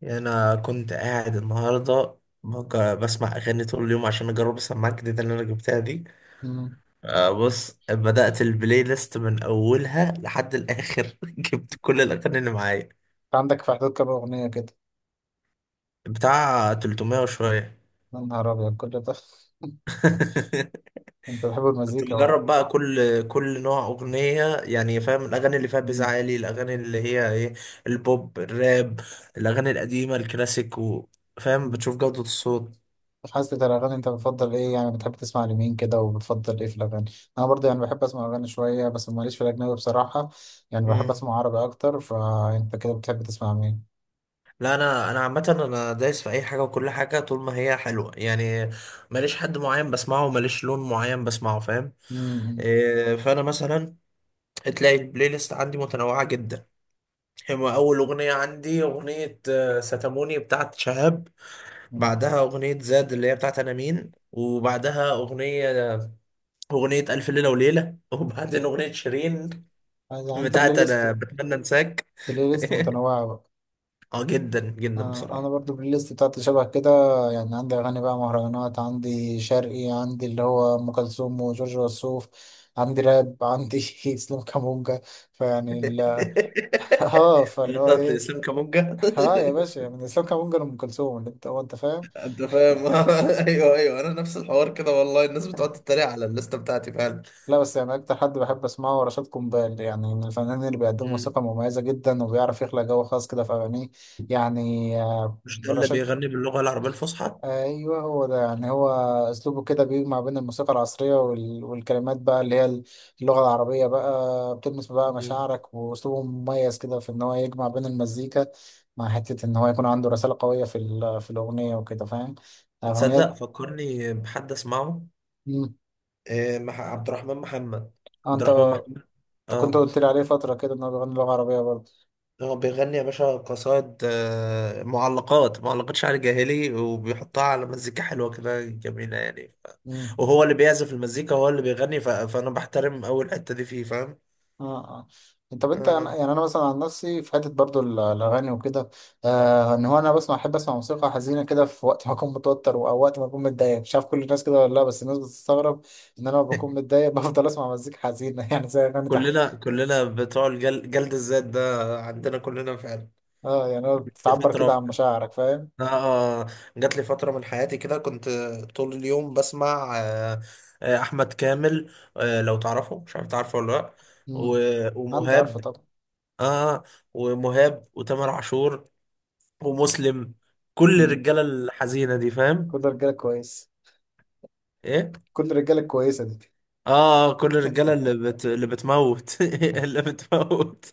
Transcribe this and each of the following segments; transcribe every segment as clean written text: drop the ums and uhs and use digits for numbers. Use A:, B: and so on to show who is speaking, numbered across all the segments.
A: يعني انا كنت قاعد النهارده بسمع اغاني طول اليوم عشان اجرب السماعه الجديده اللي انا جبتها دي.
B: مم.
A: بص بدات البلاي ليست من اولها لحد الاخر. جبت كل الاغاني اللي معايا
B: انت عندك في اعداد كام اغنيه كده؟
A: بتاع 300 وشويه.
B: يا نهار ابيض كل ده! انت بتحب
A: كنت
B: المزيكا بقى؟
A: بجرب بقى كل نوع اغنيه، يعني فاهم، الاغاني اللي فيها بيز
B: مم.
A: عالي، الاغاني اللي هي ايه، البوب، الراب، الاغاني القديمه الكلاسيك فاهم،
B: مم.
A: بتشوف جوده الصوت.
B: في حاسة الأغاني أنت بتفضل إيه؟ يعني بتحب تسمع لمين كده وبتفضل إيه في الأغاني؟ أنا برضه يعني بحب أسمع أغاني شوية، بس ماليش في الأجنبي بصراحة، يعني بحب
A: مم.
B: أسمع عربي أكتر. فأنت كده بتحب تسمع مين؟
A: لا، انا عامه انا دايس في اي حاجه وكل حاجه طول ما هي حلوه يعني. ماليش حد معين بسمعه، ماليش لون معين بسمعه، فاهم.
B: مم.
A: إيه، فانا مثلا تلاقي البلاي ليست عندي متنوعه جدا. هما اول اغنيه عندي اغنيه ستاموني بتاعت شهاب.
B: مم.
A: بعدها اغنيه زاد اللي هي بتاعت انا مين، وبعدها اغنيه الف ليله وليله. وبعدين اغنيه شيرين
B: يعني أنت بلاي
A: بتاعت
B: ليست،
A: انا بتمنى انساك.
B: بلاي ليست متنوعة بقى.
A: اه جدا جدا
B: انا
A: بصراحه.
B: برضو البلاي ليست بتاعتي شبه كده، يعني عندي اغاني بقى مهرجانات، عندي شرقي، عندي اللي هو ام كلثوم وجورج وسوف، عندي راب، عندي اسلام كامونجا، فيعني ال- اه، فاللي هو
A: بتاعت
B: ايه،
A: اسلام كامونجا.
B: اه يا باشا، من اسلام كامونجا لام كلثوم، اللي انت هو انت فاهم.
A: انت فاهم. ايوه ايوه، انا نفس الحوار كده والله، الناس بتقعد تتريق على الليسته بتاعتي فعلا.
B: لا بس يعني اكتر حد بحب اسمعه هو رشاد قنبال، يعني من الفنانين اللي بيقدموا
A: مم.
B: موسيقى مميزه جدا، وبيعرف يخلق جو خاص كده في اغانيه، يعني
A: مش ده اللي
B: رشاد،
A: بيغني باللغة العربية الفصحى؟
B: ايوه هو ده، يعني هو اسلوبه كده بيجمع بين الموسيقى العصريه والكلمات بقى اللي هي اللغه العربيه بقى، بتلمس بقى
A: مم.
B: مشاعرك، واسلوبه مميز كده في ان هو يجمع بين المزيكا مع حته ان هو يكون عنده رساله قويه في الاغنيه وكده، فاهم،
A: تصدق
B: اغنيات.
A: فكرني بحد اسمعه.
B: مم.
A: إيه، عبد الرحمن محمد،
B: آه،
A: عبد
B: انت
A: الرحمن محمد.
B: أنت كنت
A: اه،
B: قلت لي عليه فتره كده ان هو بيغني لغه عربيه برضه.
A: هو بيغني يا باشا قصائد، معلقات، معلقات شعر جاهلي وبيحطها على مزيكا حلوة كده جميلة يعني وهو اللي بيعزف المزيكا هو اللي بيغني فأنا بحترم أول الحتة دي فيه، فاهم.
B: اه، اه. طب انت
A: آه.
B: يعني انا مثلا عن نفسي في حته برضو الاغاني وكده، آه ان هو انا بسمع، احب اسمع موسيقى حزينه كده في وقت ما اكون متوتر، او وقت ما اكون متضايق، مش عارف كل الناس كده ولا لا، بس الناس بتستغرب ان انا لما بكون متضايق بفضل اسمع مزيكا حزينه، يعني زي اغاني تحت.
A: كلنا كلنا بتوع جلد الذات ده عندنا كلنا فعلا.
B: اه، يعني هو
A: جات لي
B: بتعبر
A: فترة.
B: كده عن مشاعرك، فاهم.
A: آه آه، جات لي فترة من حياتي كده كنت طول اليوم بسمع أحمد كامل. آه لو تعرفه، مش عارف تعرفه ولا لأ. و...
B: امم، انت عارفه
A: ومهاب.
B: طبعا.
A: آه ومهاب وتامر عاشور ومسلم. كل
B: مم.
A: الرجالة الحزينة دي
B: كل
A: فاهم.
B: الرجاله كويس،
A: إيه؟
B: كل الرجاله كويسه دي.
A: آه آه، كل الرجالة اللي بتموت. اللي بتموت.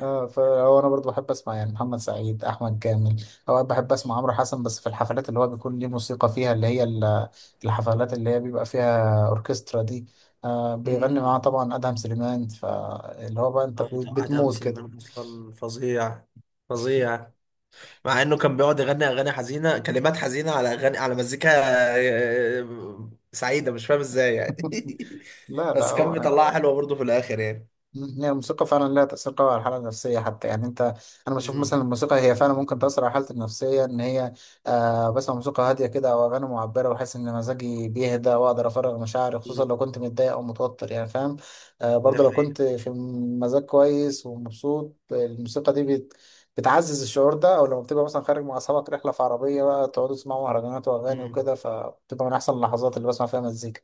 B: اه، فهو انا برضو بحب اسمع يعني محمد سعيد، احمد كامل، اوقات بحب اسمع عمرو حسن، بس في الحفلات اللي هو بيكون ليه موسيقى فيها اللي هي الحفلات اللي هي بيبقى فيها اوركسترا دي، آه بيغني معاه طبعا ادهم سليمان، فاللي هو بقى انت
A: اه، توقعت هام
B: بتموت كده.
A: سليمان اصلا فظيع، فظيع. مع انه كان بيقعد يغني اغاني حزينه، كلمات حزينه على اغاني، على مزيكا سعيده، مش فاهم ازاي يعني.
B: لا لا
A: بس كان
B: هو.
A: بيطلعها حلوه برضه في الاخر يعني.
B: مم. هي الموسيقى فعلا لها تأثير قوي على الحالة النفسية، حتى يعني انت، انا بشوف مثلا
A: امم.
B: الموسيقى هي فعلا ممكن تأثر على حالتي النفسية، ان هي آه بسمع موسيقى هادية كده او اغاني معبرة، واحس ان مزاجي بيهدى، واقدر افرغ مشاعري، خصوصا
A: أمم.
B: لو كنت متضايق او متوتر، يعني فاهم. آه
A: دي
B: برضه لو
A: حقيقه.
B: كنت في مزاج كويس ومبسوط، الموسيقى دي بتعزز الشعور ده، او لما بتبقى مثلا خارج مع اصحابك رحلة في عربية بقى، تقعدوا تسمعوا مهرجانات واغاني
A: مم.
B: وكده، فبتبقى من احسن اللحظات اللي بسمع فيها مزيكا.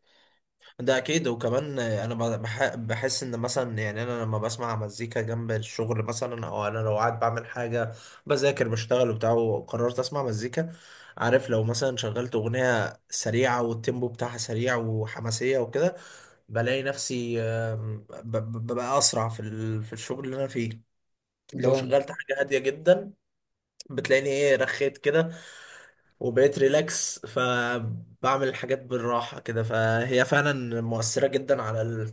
A: ده اكيد. وكمان انا بحس ان مثلا يعني انا لما بسمع مزيكا جنب الشغل مثلا، او انا لو قاعد بعمل حاجه، بذاكر، بشتغل، وبتاع، وقررت اسمع مزيكا، عارف، لو مثلا شغلت اغنيه سريعه والتيمبو بتاعها سريع وحماسيه وكده، بلاقي نفسي ببقى اسرع في الشغل اللي انا فيه. لو
B: جامد.
A: شغلت حاجه هاديه جدا بتلاقيني ايه، رخيت كده وبقيت ريلاكس، فبعمل الحاجات بالراحه كده. فهي فعلا مؤثره جدا على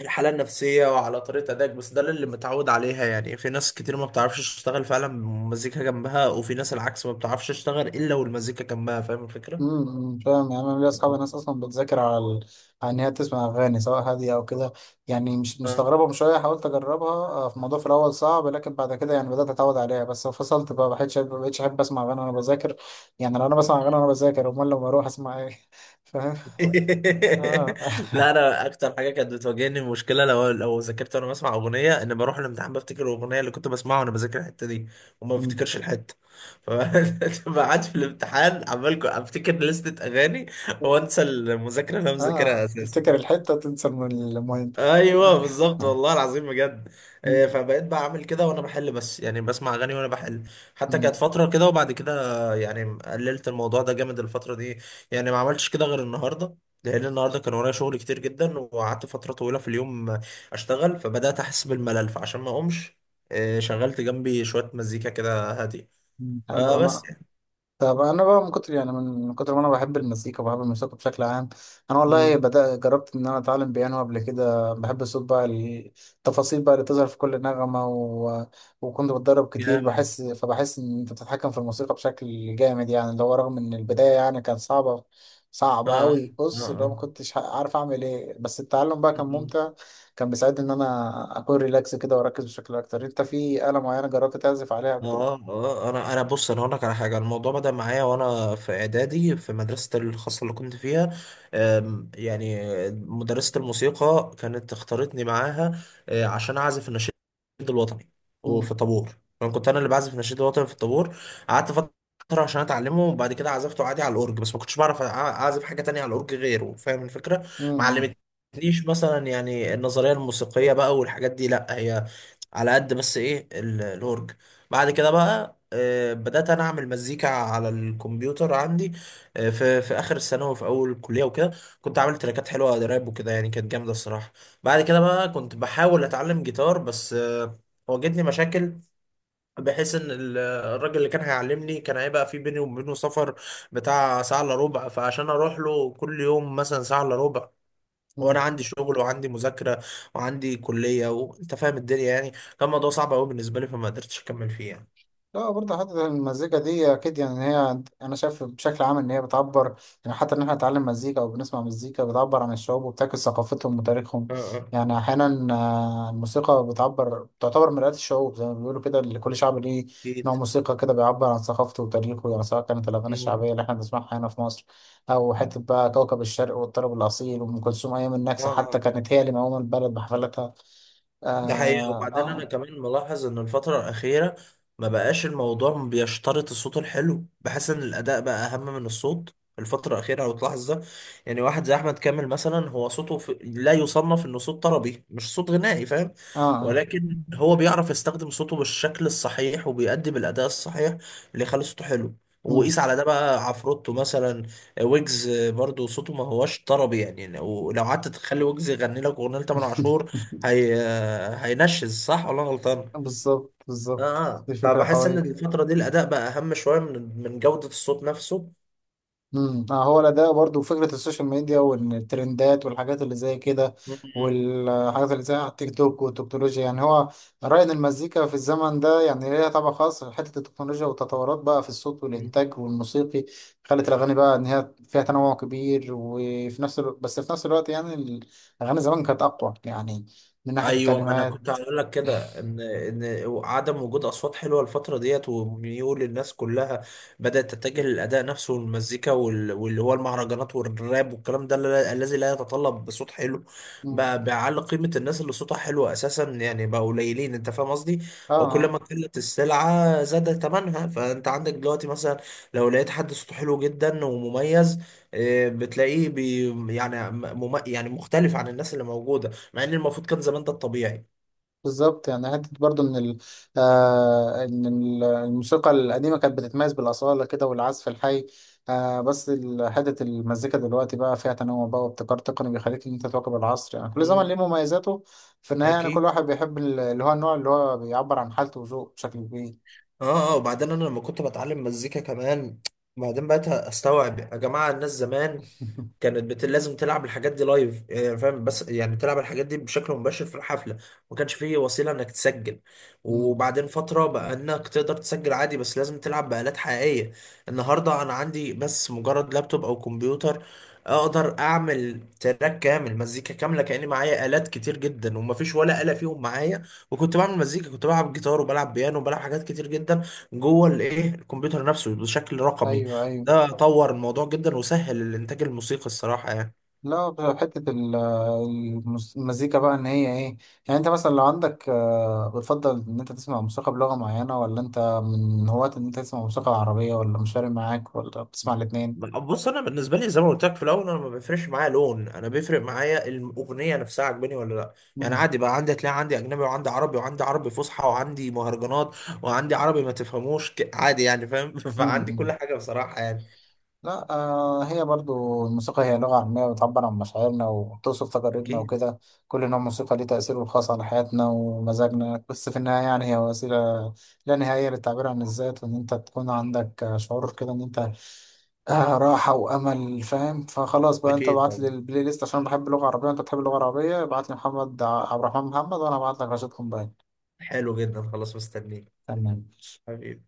A: الحالة النفسية وعلى طريقة أدائك، بس ده اللي متعود عليها يعني. في ناس كتير ما بتعرفش تشتغل فعلا مزيكا جنبها، وفي ناس العكس، ما بتعرفش تشتغل إلا والمزيكا جنبها، فاهم الفكرة؟
B: فاهم. يعني انا ليا اصحابي ناس اصلا بتذاكر على ان هي تسمع اغاني سواء هاديه او كده، يعني مش
A: اه.
B: مستغربه، من شويه حاولت اجربها، في الموضوع في الاول صعب، لكن بعد كده يعني بدات اتعود عليها، بس فصلت بقى، ما بقتش احب اسمع اغاني وانا بذاكر، يعني لو انا بسمع اغاني وانا بذاكر، امال لما اروح اسمع ايه؟ فاهم. اه.
A: لا، أنا أكتر حاجة كانت بتواجهني مشكلة، لو ذاكرت وأنا بسمع أغنية، إن بروح الامتحان بفتكر الأغنية اللي كنت بسمعها وأنا بذاكر الحتة دي وما
B: مم.
A: بفتكرش الحتة. فبقعد في الامتحان عمال أفتكر لستة أغاني وأنسى المذاكرة اللي أنا مذاكرها
B: اه
A: أساسا
B: تفتكر
A: يعني.
B: الحته تنسى المهم. آه.
A: ايوه بالظبط، والله العظيم بجد.
B: مم.
A: فبقيت بعمل كده وانا بحل، بس يعني بسمع اغاني وانا بحل. حتى كانت
B: مم.
A: فتره كده، وبعد كده يعني قللت الموضوع ده جامد الفتره دي. يعني ما عملتش كده غير النهارده، لان النهارده كان ورايا شغل كتير جدا، وقعدت فتره طويله في اليوم اشتغل، فبدات احس بالملل، فعشان ما اقومش شغلت جنبي شويه مزيكا كده هاديه،
B: مم. حلو
A: فبس
B: انا.
A: يعني.
B: طب انا بقى، من كتر يعني من كتر ما انا بحب المزيكا، وبحب الموسيقى بشكل عام، انا والله
A: مم.
B: جربت ان انا اتعلم بيانو قبل كده، بحب الصوت بقى، التفاصيل بقى اللي بتظهر في كل نغمة وكنت بتدرب كتير،
A: جامد.
B: بحس، فبحس ان انت بتتحكم في الموسيقى بشكل جامد، يعني اللي هو رغم ان البداية يعني كانت صعبة،
A: اه
B: صعبة قوي،
A: اه
B: بص اللي هو ما
A: اه.
B: كنتش عارف اعمل ايه، بس التعلم بقى كان
A: مم.
B: ممتع، كان بيساعدني ان انا اكون ريلاكس كده واركز بشكل اكتر. انت في آلة معينة جربت تعزف عليها قبل
A: اه
B: كده؟
A: اه، انا بص، انا هقول لك على حاجه. الموضوع بدا معايا وانا في اعدادي في مدرسه الخاصه اللي كنت فيها. يعني مدرسه الموسيقى كانت اختارتني معاها عشان اعزف النشيد الوطني.
B: مم.
A: وفي طابور، انا كنت انا اللي بعزف النشيد الوطني في الطابور. قعدت فتره عشان اتعلمه، وبعد كده عزفته عادي على الاورج، بس ما كنتش بعرف اعزف حاجه تانية على الاورج غيره، فاهم الفكره. ما
B: مم.
A: علمتنيش مثلا يعني النظريه الموسيقيه بقى والحاجات دي، لا، هي على قد بس ايه الاورج. بعد كده بقى بدأت أنا أعمل مزيكا على الكمبيوتر عندي في في آخر الثانوي وفي أول الكلية وكده. كنت عامل تراكات حلوة راب وكده، يعني كانت جامدة الصراحة. بعد كده بقى كنت بحاول أتعلم جيتار، بس واجهتني مشاكل، بحيث إن الراجل اللي كان هيعلمني كان هيبقى في بيني وبينه سفر بتاع ساعة إلا ربع، فعشان أروح له كل يوم مثلا ساعة إلا ربع، وأنا
B: مم.
A: عندي شغل وعندي مذاكرة وعندي كلية وأنت فاهم الدنيا يعني، كان الموضوع صعب أوي بالنسبة لي، فما قدرتش أكمل فيه
B: لا برضه حتة المزيكا دي أكيد، يعني هي أنا شايف بشكل عام إن هي بتعبر، يعني حتى إن إحنا نتعلم مزيكا أو بنسمع مزيكا بتعبر عن الشعوب وبتعكس ثقافتهم وتاريخهم،
A: يعني.
B: يعني أحيانا الموسيقى بتعبر، تعتبر مرآة الشعوب زي ما بيقولوا كده، اللي كل شعب ليه نوع
A: اكيد.
B: موسيقى كده بيعبر عن ثقافته وتاريخه، يعني سواء كانت الأغاني الشعبية
A: مم.
B: اللي إحنا بنسمعها هنا في مصر، أو حتة بقى كوكب الشرق والطرب الأصيل وأم كلثوم أيام
A: اه
B: النكسة، حتى
A: اه.
B: كانت
A: آه.
B: هي اللي مقومة البلد بحفلاتها.
A: ده حقيقة.
B: آه،
A: وبعدين أنا
B: آه،
A: كمان ملاحظ إن الفترة الأخيرة ما بقاش الموضوع بيشترط الصوت الحلو، بحس إن الأداء بقى أهم من الصوت الفترة الأخيرة لو تلاحظ ده. يعني واحد زي أحمد كامل مثلا، هو صوته لا يصنف إنه صوت طربي، مش صوت غنائي، فاهم،
B: آه, آه.
A: ولكن هو بيعرف يستخدم صوته بالشكل الصحيح وبيقدم الأداء الصحيح اللي يخلي صوته حلو.
B: مم.
A: وقيس على ده بقى عفروتو مثلا، ويجز برضو صوته ما هوش طربي، يعني لو قعدت تخلي ويجز يغني لك أغنية لتامر عاشور هي هينشز، صح ولا أنا غلطان؟
B: بالظبط
A: اه
B: بالظبط.
A: اه،
B: دي فكرة
A: فبحس ان
B: قوية.
A: الفترة دي الاداء بقى اهم شوية من جودة الصوت نفسه.
B: امم، هو الأداء برضو، فكرة السوشيال ميديا والترندات والحاجات اللي زي كده، والحاجات اللي زي على التيك توك والتكنولوجيا، يعني هو رأي إن المزيكا في الزمن ده يعني ليها طبع خاص، حتة التكنولوجيا والتطورات بقى في الصوت
A: مم.
B: والإنتاج والموسيقي خلت الأغاني بقى إن هي فيها تنوع كبير، وفي نفس الوقت، بس في نفس الوقت يعني الأغاني زمان كانت أقوى، يعني من ناحية
A: ايوه، ما انا
B: الكلمات.
A: كنت هقول لك كده، ان عدم وجود اصوات حلوه الفتره ديت وميول الناس كلها بدات تتجه للاداء نفسه والمزيكا واللي هو المهرجانات والراب والكلام ده الذي لا يتطلب صوت حلو،
B: مم.
A: بقى بيعلي قيمه الناس اللي صوتها حلو اساسا يعني، بقى قليلين، انت فاهم قصدي.
B: اه،
A: وكل
B: آه.
A: ما قلت السلعه زاد ثمنها، فانت عندك دلوقتي مثلا لو لقيت حد صوته حلو جدا ومميز آه، بتلاقيه بي يعني يعني مختلف عن الناس اللي موجوده، مع ان المفروض كان زمان ده الطبيعي.
B: بالظبط، يعني حتة برضو إن ال، آه إن الموسيقى القديمة كانت بتتميز بالأصالة كده والعزف الحي، آه بس حتة المزيكا دلوقتي بقى فيها تنوع بقى وابتكار تقني بيخليك إن أنت تواكب العصر، يعني كل زمن ليه
A: مم.
B: مميزاته، في النهاية يعني كل
A: اكيد.
B: واحد بيحب اللي هو النوع اللي هو بيعبر عن حالته وذوقه بشكل كبير.
A: اه اه، وبعدين انا لما كنت بتعلم مزيكا كمان، بعدين بقيت استوعب يا جماعه، الناس زمان كانت لازم تلعب الحاجات دي لايف، يعني فاهم، بس يعني تلعب الحاجات دي بشكل مباشر في الحفله، ما كانش فيه وسيله انك تسجل.
B: مم.
A: وبعدين فتره بقى انك تقدر تسجل عادي، بس لازم تلعب بآلات حقيقيه. النهارده انا عندي بس مجرد لابتوب او كمبيوتر اقدر اعمل تراك كامل، مزيكا كامله، كاني معايا آلات كتير جدا ومفيش ولا آلة فيهم معايا. وكنت بعمل مزيكا، كنت بلعب جيتار وبلعب بيانو وبلعب حاجات كتير جدا جوه الكمبيوتر نفسه بشكل رقمي.
B: أيوه أيوه.
A: ده طور الموضوع جدا وسهل الانتاج الموسيقي الصراحه يعني.
B: لا بقى حتة المزيكا بقى ان هي ايه، يعني انت مثلا لو عندك بتفضل ان انت تسمع موسيقى بلغة معينة، ولا انت من هواة ان انت تسمع موسيقى عربية، ولا مش فارق معاك، ولا بتسمع الاتنين؟
A: بص انا بالنسبه لي زي ما قلت لك في الاول، انا ما بيفرقش معايا لون، انا بيفرق معايا الاغنيه نفسها عجباني ولا لا. يعني
B: مم.
A: عادي بقى، عندي تلاقي عندي اجنبي وعندي عربي وعندي عربي فصحى وعندي مهرجانات وعندي عربي ما تفهموش عادي يعني فاهم. فعندي كل
B: مم.
A: حاجه بصراحه يعني.
B: لا آه، هي برضو الموسيقى هي لغة عامية بتعبر عن مشاعرنا وبتوصف تجاربنا
A: اكيد.
B: وكده، كل نوع موسيقى ليه تأثيره الخاص على حياتنا ومزاجنا، بس في النهاية يعني هي وسيلة لا نهائية للتعبير عن الذات، وإن أنت تكون عندك شعور كده إن أنت آه راحة وأمل، فاهم، فخلاص بقى أنت
A: اكيد
B: ابعت لي
A: طبعا.
B: البلاي ليست عشان بحب اللغة العربية، وأنت بتحب اللغة العربية، ابعت لي محمد عبد الرحمن محمد، وأنا ابعت لك رشيد قنبال.
A: حلو جدا، خلاص مستنيك
B: تمام.
A: حبيبي.